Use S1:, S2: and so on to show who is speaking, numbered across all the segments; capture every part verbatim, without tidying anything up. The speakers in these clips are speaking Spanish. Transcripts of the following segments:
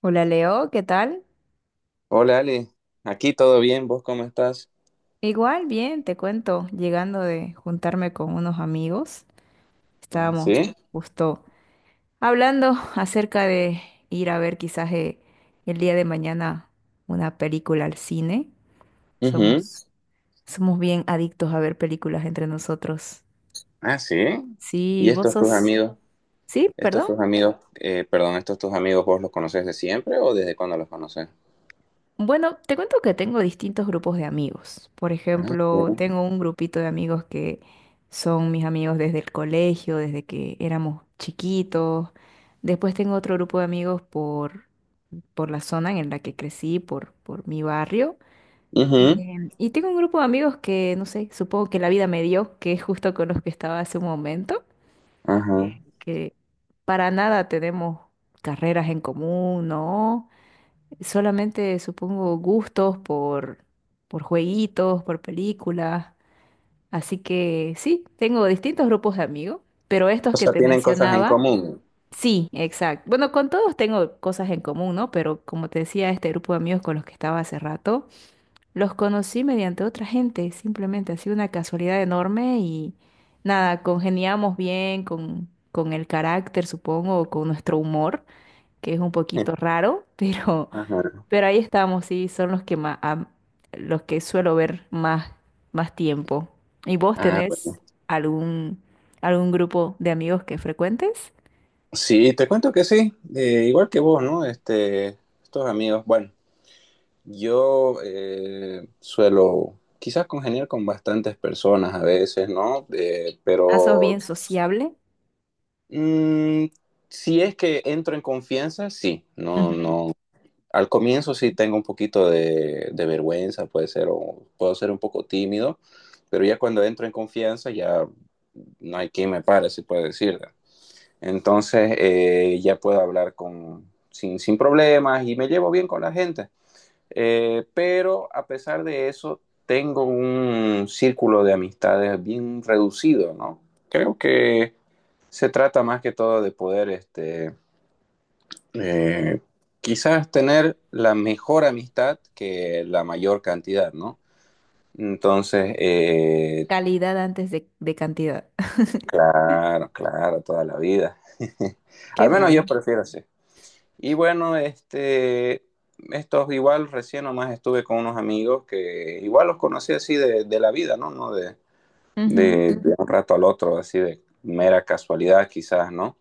S1: Hola Leo, ¿qué tal?
S2: Hola Ale, aquí todo bien, ¿vos cómo estás?
S1: Igual, bien, te cuento, llegando de juntarme con unos amigos,
S2: Ah,
S1: estábamos
S2: sí.
S1: justo hablando acerca de ir a ver quizás eh, el día de mañana una película al cine.
S2: Ujú.
S1: Somos, somos bien adictos a ver películas entre nosotros.
S2: Ah, sí. ¿Y
S1: Sí, vos
S2: estos tus
S1: sos...
S2: amigos?
S1: Sí,
S2: ¿Estos
S1: perdón.
S2: tus amigos, eh, perdón, estos tus amigos vos los conoces de siempre o desde cuándo los conoces?
S1: Bueno, te cuento que tengo distintos grupos de amigos. Por
S2: Ah,
S1: ejemplo,
S2: sí.
S1: tengo un grupito de amigos que son mis amigos desde el colegio, desde que éramos chiquitos. Después tengo otro grupo de amigos por, por la zona en la que crecí, por, por mi barrio.
S2: Ujú.
S1: Em, y tengo un grupo de amigos que, no sé, supongo que la vida me dio, que es justo con los que estaba hace un momento,
S2: Ajá.
S1: eh, que para nada tenemos carreras en común, ¿no? Solamente supongo gustos por, por jueguitos, por películas. Así que sí, tengo distintos grupos de amigos, pero estos
S2: O
S1: que
S2: sea,
S1: te
S2: tienen cosas en
S1: mencionaba,
S2: común.
S1: sí, exacto. Bueno, con todos tengo cosas en común, ¿no? Pero como te decía, este grupo de amigos con los que estaba hace rato, los conocí mediante otra gente, simplemente ha sido una casualidad enorme y nada, congeniamos bien con, con el carácter, supongo, o con nuestro humor, que es un poquito raro, pero...
S2: Ajá.
S1: Pero ahí estamos, sí, son los que más, los que suelo ver más, más tiempo. ¿Y vos
S2: Ah,
S1: tenés
S2: bueno.
S1: algún, algún grupo de amigos que frecuentes?
S2: Sí, te cuento que sí, eh, igual que vos, ¿no? Este, estos amigos, bueno, yo eh, suelo quizás congeniar con bastantes personas a veces, ¿no? Eh,
S1: Ah, sos
S2: pero
S1: bien sociable.
S2: mm, si es que entro en confianza, sí. No,
S1: Ujú.
S2: no. Al comienzo sí tengo un poquito de, de vergüenza, puede ser, o puedo ser un poco tímido, pero ya cuando entro en confianza ya no hay quien me pare, se puede decir. Entonces eh, ya puedo hablar con, sin, sin problemas y me llevo bien con la gente. Eh, pero a pesar de eso, tengo un círculo de amistades bien reducido, ¿no? Creo que se trata más que todo de poder, este, eh, quizás tener la mejor amistad que la mayor cantidad, ¿no? Entonces, eh,
S1: Calidad antes de, de cantidad.
S2: claro, claro, toda la vida.
S1: Qué
S2: Al menos yo
S1: bien.
S2: prefiero así. Y bueno, este, estos igual recién nomás estuve con unos amigos que igual los conocí así de, de la vida, ¿no? No de,
S1: Ujú.
S2: de, de un rato al otro, así de mera casualidad quizás, ¿no?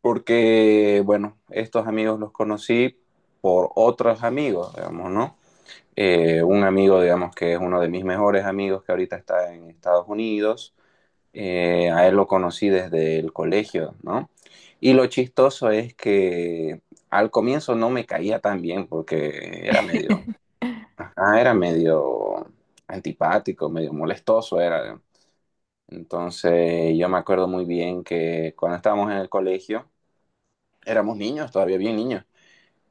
S2: Porque, bueno, estos amigos los conocí por otros amigos, digamos, ¿no? Eh, un amigo, digamos, que es uno de mis mejores amigos que ahorita está en Estados Unidos, eh, a él lo conocí desde el colegio, ¿no? Y lo chistoso es que al comienzo no me caía tan bien porque era medio, ah, era medio antipático, medio molestoso era. Entonces yo me acuerdo muy bien que cuando estábamos en el colegio, éramos niños, todavía bien niños,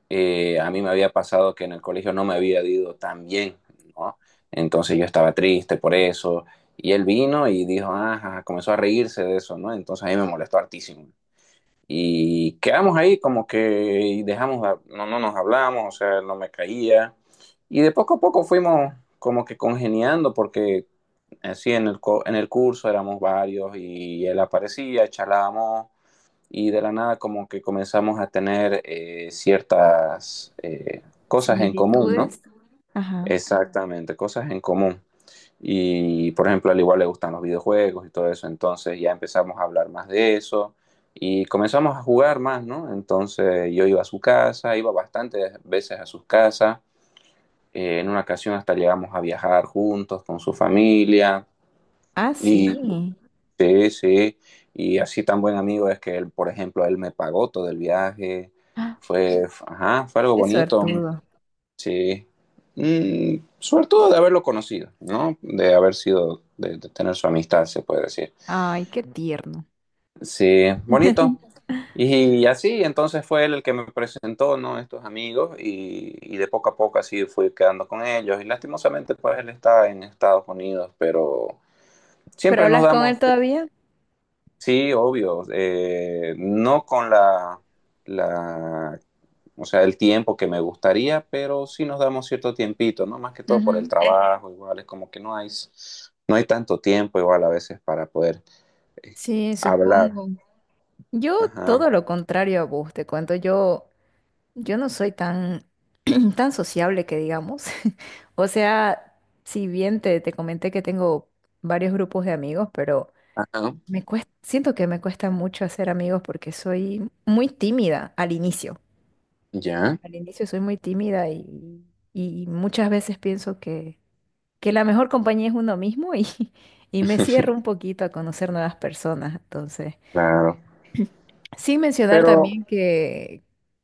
S2: eh, a mí me había pasado que en el colegio no me había ido tan bien, ¿no? Entonces yo estaba triste por eso. Y él vino y dijo, ajá, comenzó a reírse de eso, ¿no? Entonces a mí me molestó hartísimo. Y quedamos ahí como que dejamos, no, no nos hablamos, o sea, no me caía. Y de poco a poco fuimos como que congeniando porque así en el, co- en el curso éramos varios y él aparecía, charlábamos y de la nada como que comenzamos a tener eh, ciertas eh, cosas en común, ¿no?
S1: Similitudes. Ajá.
S2: Exactamente, cosas en común. Y por ejemplo, al igual le gustan los videojuegos y todo eso, entonces ya empezamos a hablar más de eso y comenzamos a jugar más, ¿no? Entonces yo iba a su casa, iba bastantes veces a sus casas, eh, en una ocasión hasta llegamos a viajar juntos con su familia
S1: Ah,
S2: y
S1: sí.
S2: sí, sí, y así tan buen amigo es que él, por ejemplo, él me pagó todo el viaje,
S1: Ah,
S2: fue, f- ajá, fue algo
S1: qué
S2: bonito,
S1: suertudo.
S2: sí, mm, sobre todo de haberlo conocido, ¿no? De haber sido, de, de tener su amistad, se puede decir.
S1: Ay, qué tierno.
S2: Sí, bonito. Y, así, entonces fue él el que me presentó, ¿no? Estos amigos y, y de poco a poco así fui quedando con ellos y lastimosamente pues él está en Estados Unidos, pero
S1: ¿Pero
S2: siempre nos
S1: hablas con
S2: damos
S1: él todavía?
S2: sí, obvio. Eh, no con la, la, o sea, el tiempo que me gustaría, pero sí nos damos cierto tiempito, ¿no? Más que todo por el
S1: Ujú.
S2: trabajo, igual es como que no hay, no hay tanto tiempo igual a veces para poder eh,
S1: Sí,
S2: hablar.
S1: supongo. Yo
S2: Ajá,
S1: todo lo contrario a vos, te cuento, yo, yo no soy tan, tan sociable que digamos. O sea, si bien te, te comenté que tengo varios grupos de amigos, pero
S2: ajá,
S1: me cuesta, siento que me cuesta mucho hacer amigos porque soy muy tímida al inicio.
S2: ya,
S1: Al inicio soy muy tímida y, y muchas veces pienso que, que la mejor compañía es uno mismo y, y me cierro un poquito a conocer nuevas personas. Entonces...
S2: claro.
S1: Sin mencionar
S2: Pero,
S1: también que,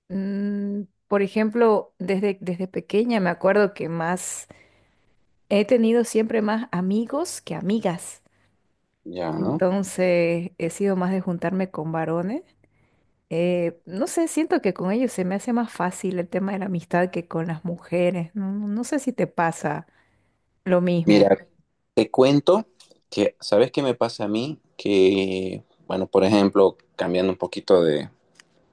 S1: mm, por ejemplo, desde, desde pequeña me acuerdo que más he tenido siempre más amigos que amigas.
S2: ya, ¿no?
S1: Entonces he sido más de juntarme con varones. Eh, no sé, siento que con ellos se me hace más fácil el tema de la amistad que con las mujeres. No, no sé si te pasa lo mismo.
S2: Mira, te cuento que, ¿sabes qué me pasa a mí? Que, bueno, por ejemplo, cambiando un poquito de,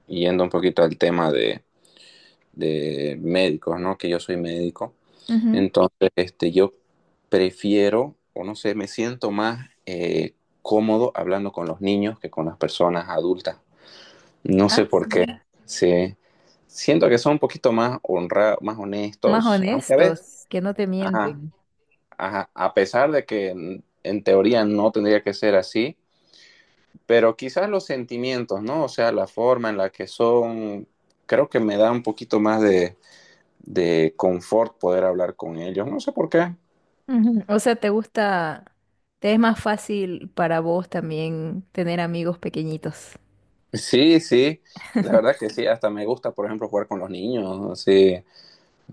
S2: yendo un poquito al tema de de médicos, ¿no? Que yo soy médico.
S1: Ujú.
S2: Entonces, este, yo prefiero, o no sé, me siento más eh, cómodo hablando con los niños que con las personas adultas. No sé
S1: Ah,
S2: por qué.
S1: sí.
S2: Sí. Siento que son un poquito más honrados, más
S1: Más
S2: honestos, aunque a veces,
S1: honestos, que no te
S2: ajá,
S1: mienten.
S2: ajá, a pesar de que en, en teoría no tendría que ser así, pero quizás los sentimientos, ¿no? O sea, la forma en la que son, creo que me da un poquito más de, de confort poder hablar con ellos. No sé por qué.
S1: Ujú. O sea, ¿te gusta, te es más fácil para vos también tener amigos pequeñitos?
S2: Sí, sí. La verdad que sí, hasta me gusta, por ejemplo, jugar con los niños. Sí.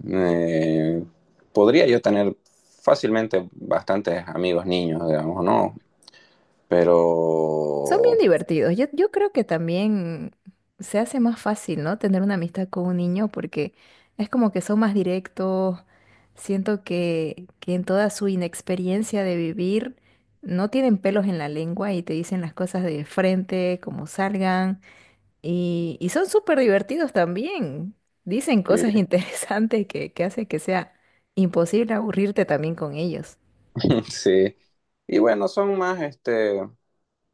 S2: Eh, podría yo tener fácilmente bastantes amigos niños, digamos, ¿no?
S1: Son bien
S2: Pero
S1: divertidos. Yo, yo creo que también se hace más fácil, ¿no? Tener una amistad con un niño porque es como que son más directos. Siento que, que en toda su inexperiencia de vivir no tienen pelos en la lengua y te dicen las cosas de frente, como salgan. Y, y son súper divertidos también. Dicen
S2: sí,
S1: cosas interesantes que, que hacen que sea imposible aburrirte también con ellos.
S2: sí. Y bueno, son más, este,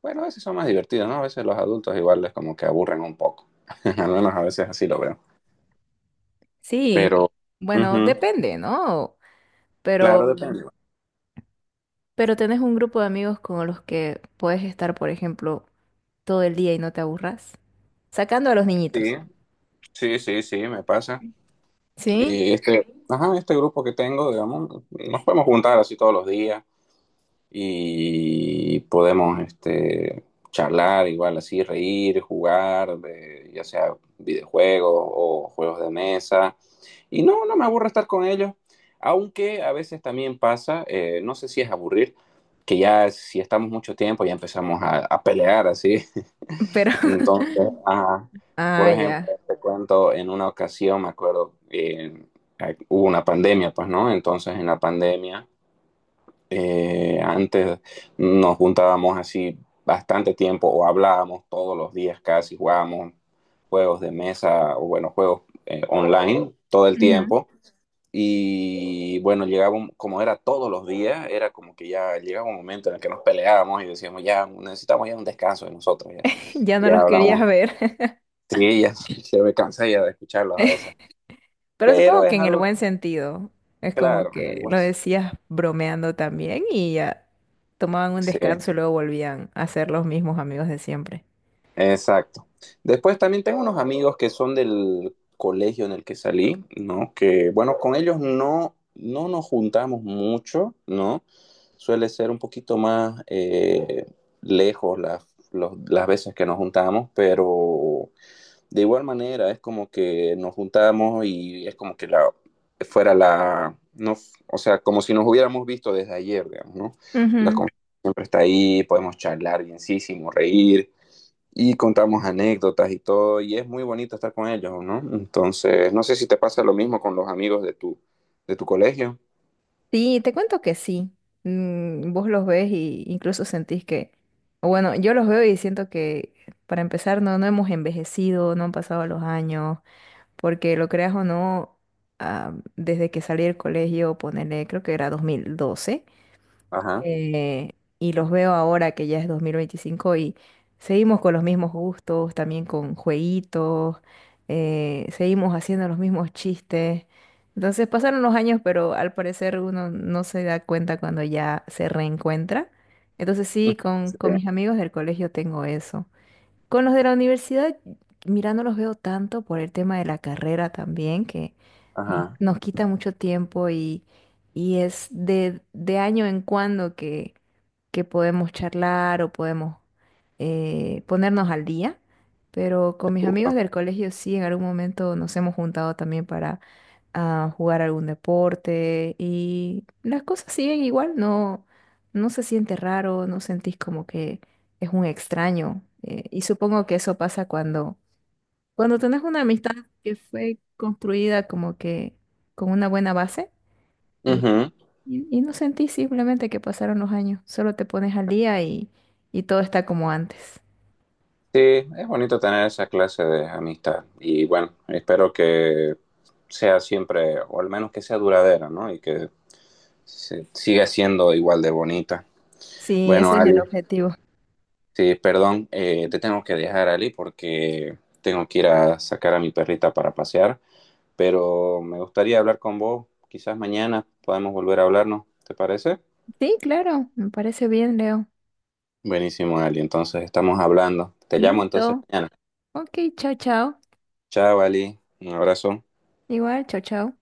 S2: bueno, a veces son más divertidos, ¿no? A veces los adultos igual les como que aburren un poco. Al menos a veces así lo veo.
S1: Sí,
S2: Pero,
S1: bueno,
S2: ujú,
S1: depende, ¿no?
S2: claro,
S1: Pero,
S2: depende.
S1: pero tenés un grupo de amigos con los que puedes estar, por ejemplo, todo el día y no te aburras. Sacando a los niñitos.
S2: Sí, sí, sí, sí, me pasa.
S1: Sí,
S2: Eh, este, ajá, este grupo que tengo, digamos, nos podemos juntar así todos los días y podemos este, charlar igual así, reír, jugar, de- ya sea videojuegos o juegos de mesa. Y no, no me aburre estar con ellos, aunque a veces también pasa, eh, no sé si es aburrir, que ya si estamos mucho tiempo ya empezamos a, a pelear así.
S1: pero...
S2: Entonces, ajá, por
S1: Ah,
S2: ejemplo,
S1: ya.
S2: te cuento, en una ocasión, me acuerdo, eh, ay, hubo una pandemia, pues, ¿no? Entonces, en la pandemia, eh, antes nos juntábamos así bastante tiempo o hablábamos todos los días casi, jugábamos juegos de mesa o, bueno, juegos eh, online todo el
S1: Ujú.
S2: tiempo. Y bueno, llegábamos, como era todos los días, era como que ya llegaba un momento en el que nos peleábamos y decíamos, ya necesitamos ya un descanso de nosotros, ya,
S1: Ya no
S2: ya
S1: los querías
S2: hablamos
S1: ver.
S2: sí, ya se me cansa ya de escucharlos a veces.
S1: Pero
S2: Pero
S1: supongo que
S2: es
S1: en el
S2: algo
S1: buen sentido. Es como
S2: claro en el
S1: que lo
S2: hueso.
S1: decías bromeando también y ya tomaban un
S2: Sí,
S1: descanso y luego volvían a ser los mismos amigos de siempre.
S2: exacto. Después también tengo unos amigos que son del colegio en el que salí, ¿no? Que bueno, con ellos no, no nos juntamos mucho, ¿no? Suele ser un poquito más eh, lejos las, los- las veces que nos juntamos, pero de igual manera, es como que nos juntamos y es como que la, fuera la, no, o sea, como si nos hubiéramos visto desde ayer, digamos, ¿no? La
S1: Ujú.
S2: confianza siempre está ahí, podemos charlar bienísimo, reír y contamos anécdotas y todo, y es muy bonito estar con ellos, ¿no? Entonces, no sé si te pasa lo mismo con los amigos de tu, de tu colegio.
S1: Sí, te cuento que sí. Mm, vos los ves y incluso sentís que, o bueno, yo los veo y siento que para empezar no, no hemos envejecido, no han pasado los años, porque lo creas o no, ah, desde que salí del colegio, ponele, creo que era dos mil doce.
S2: Ajá.
S1: eh, y los veo ahora que ya es dos mil veinticinco y seguimos con los mismos gustos, también con jueguitos, eh, seguimos haciendo los mismos chistes. Entonces pasaron los años, pero al parecer uno no se da cuenta cuando ya se reencuentra. Entonces sí, con, con
S2: Sí.
S1: mis amigos del colegio tengo eso. Con los de la universidad, mira, no los veo tanto por el tema de la carrera también, que nos,
S2: Ajá.
S1: nos quita mucho tiempo y, y es de, de año en cuando que, que podemos charlar o podemos eh, ponernos al día. Pero con mis amigos del colegio sí, en algún momento nos hemos juntado también para a jugar algún deporte y las cosas siguen igual, no, no se siente raro, no sentís como que es un extraño. Eh, y supongo que eso pasa cuando, cuando tenés una amistad que fue construida como que con una buena base y,
S2: Ujú.
S1: y- y no sentís simplemente que pasaron los años, solo te pones al día y, y todo está como antes.
S2: Sí, es bonito tener esa clase de amistad y bueno, espero que sea siempre, o al menos que sea duradera, ¿no? Y que se- siga siendo igual de bonita.
S1: Sí,
S2: Bueno,
S1: ese es el
S2: Ali,
S1: objetivo.
S2: sí, perdón, eh, te tengo que dejar, Ali, porque tengo que ir a sacar a mi perrita para pasear, pero me gustaría hablar con vos, quizás mañana podemos volver a hablarnos, ¿te parece?
S1: Sí, claro, me parece bien, Leo.
S2: Buenísimo, Ali, entonces estamos hablando. Te llamo entonces
S1: Listo.
S2: mañana.
S1: Ok, chao, chao.
S2: Chao, Ali, un abrazo.
S1: Igual, chao, chao.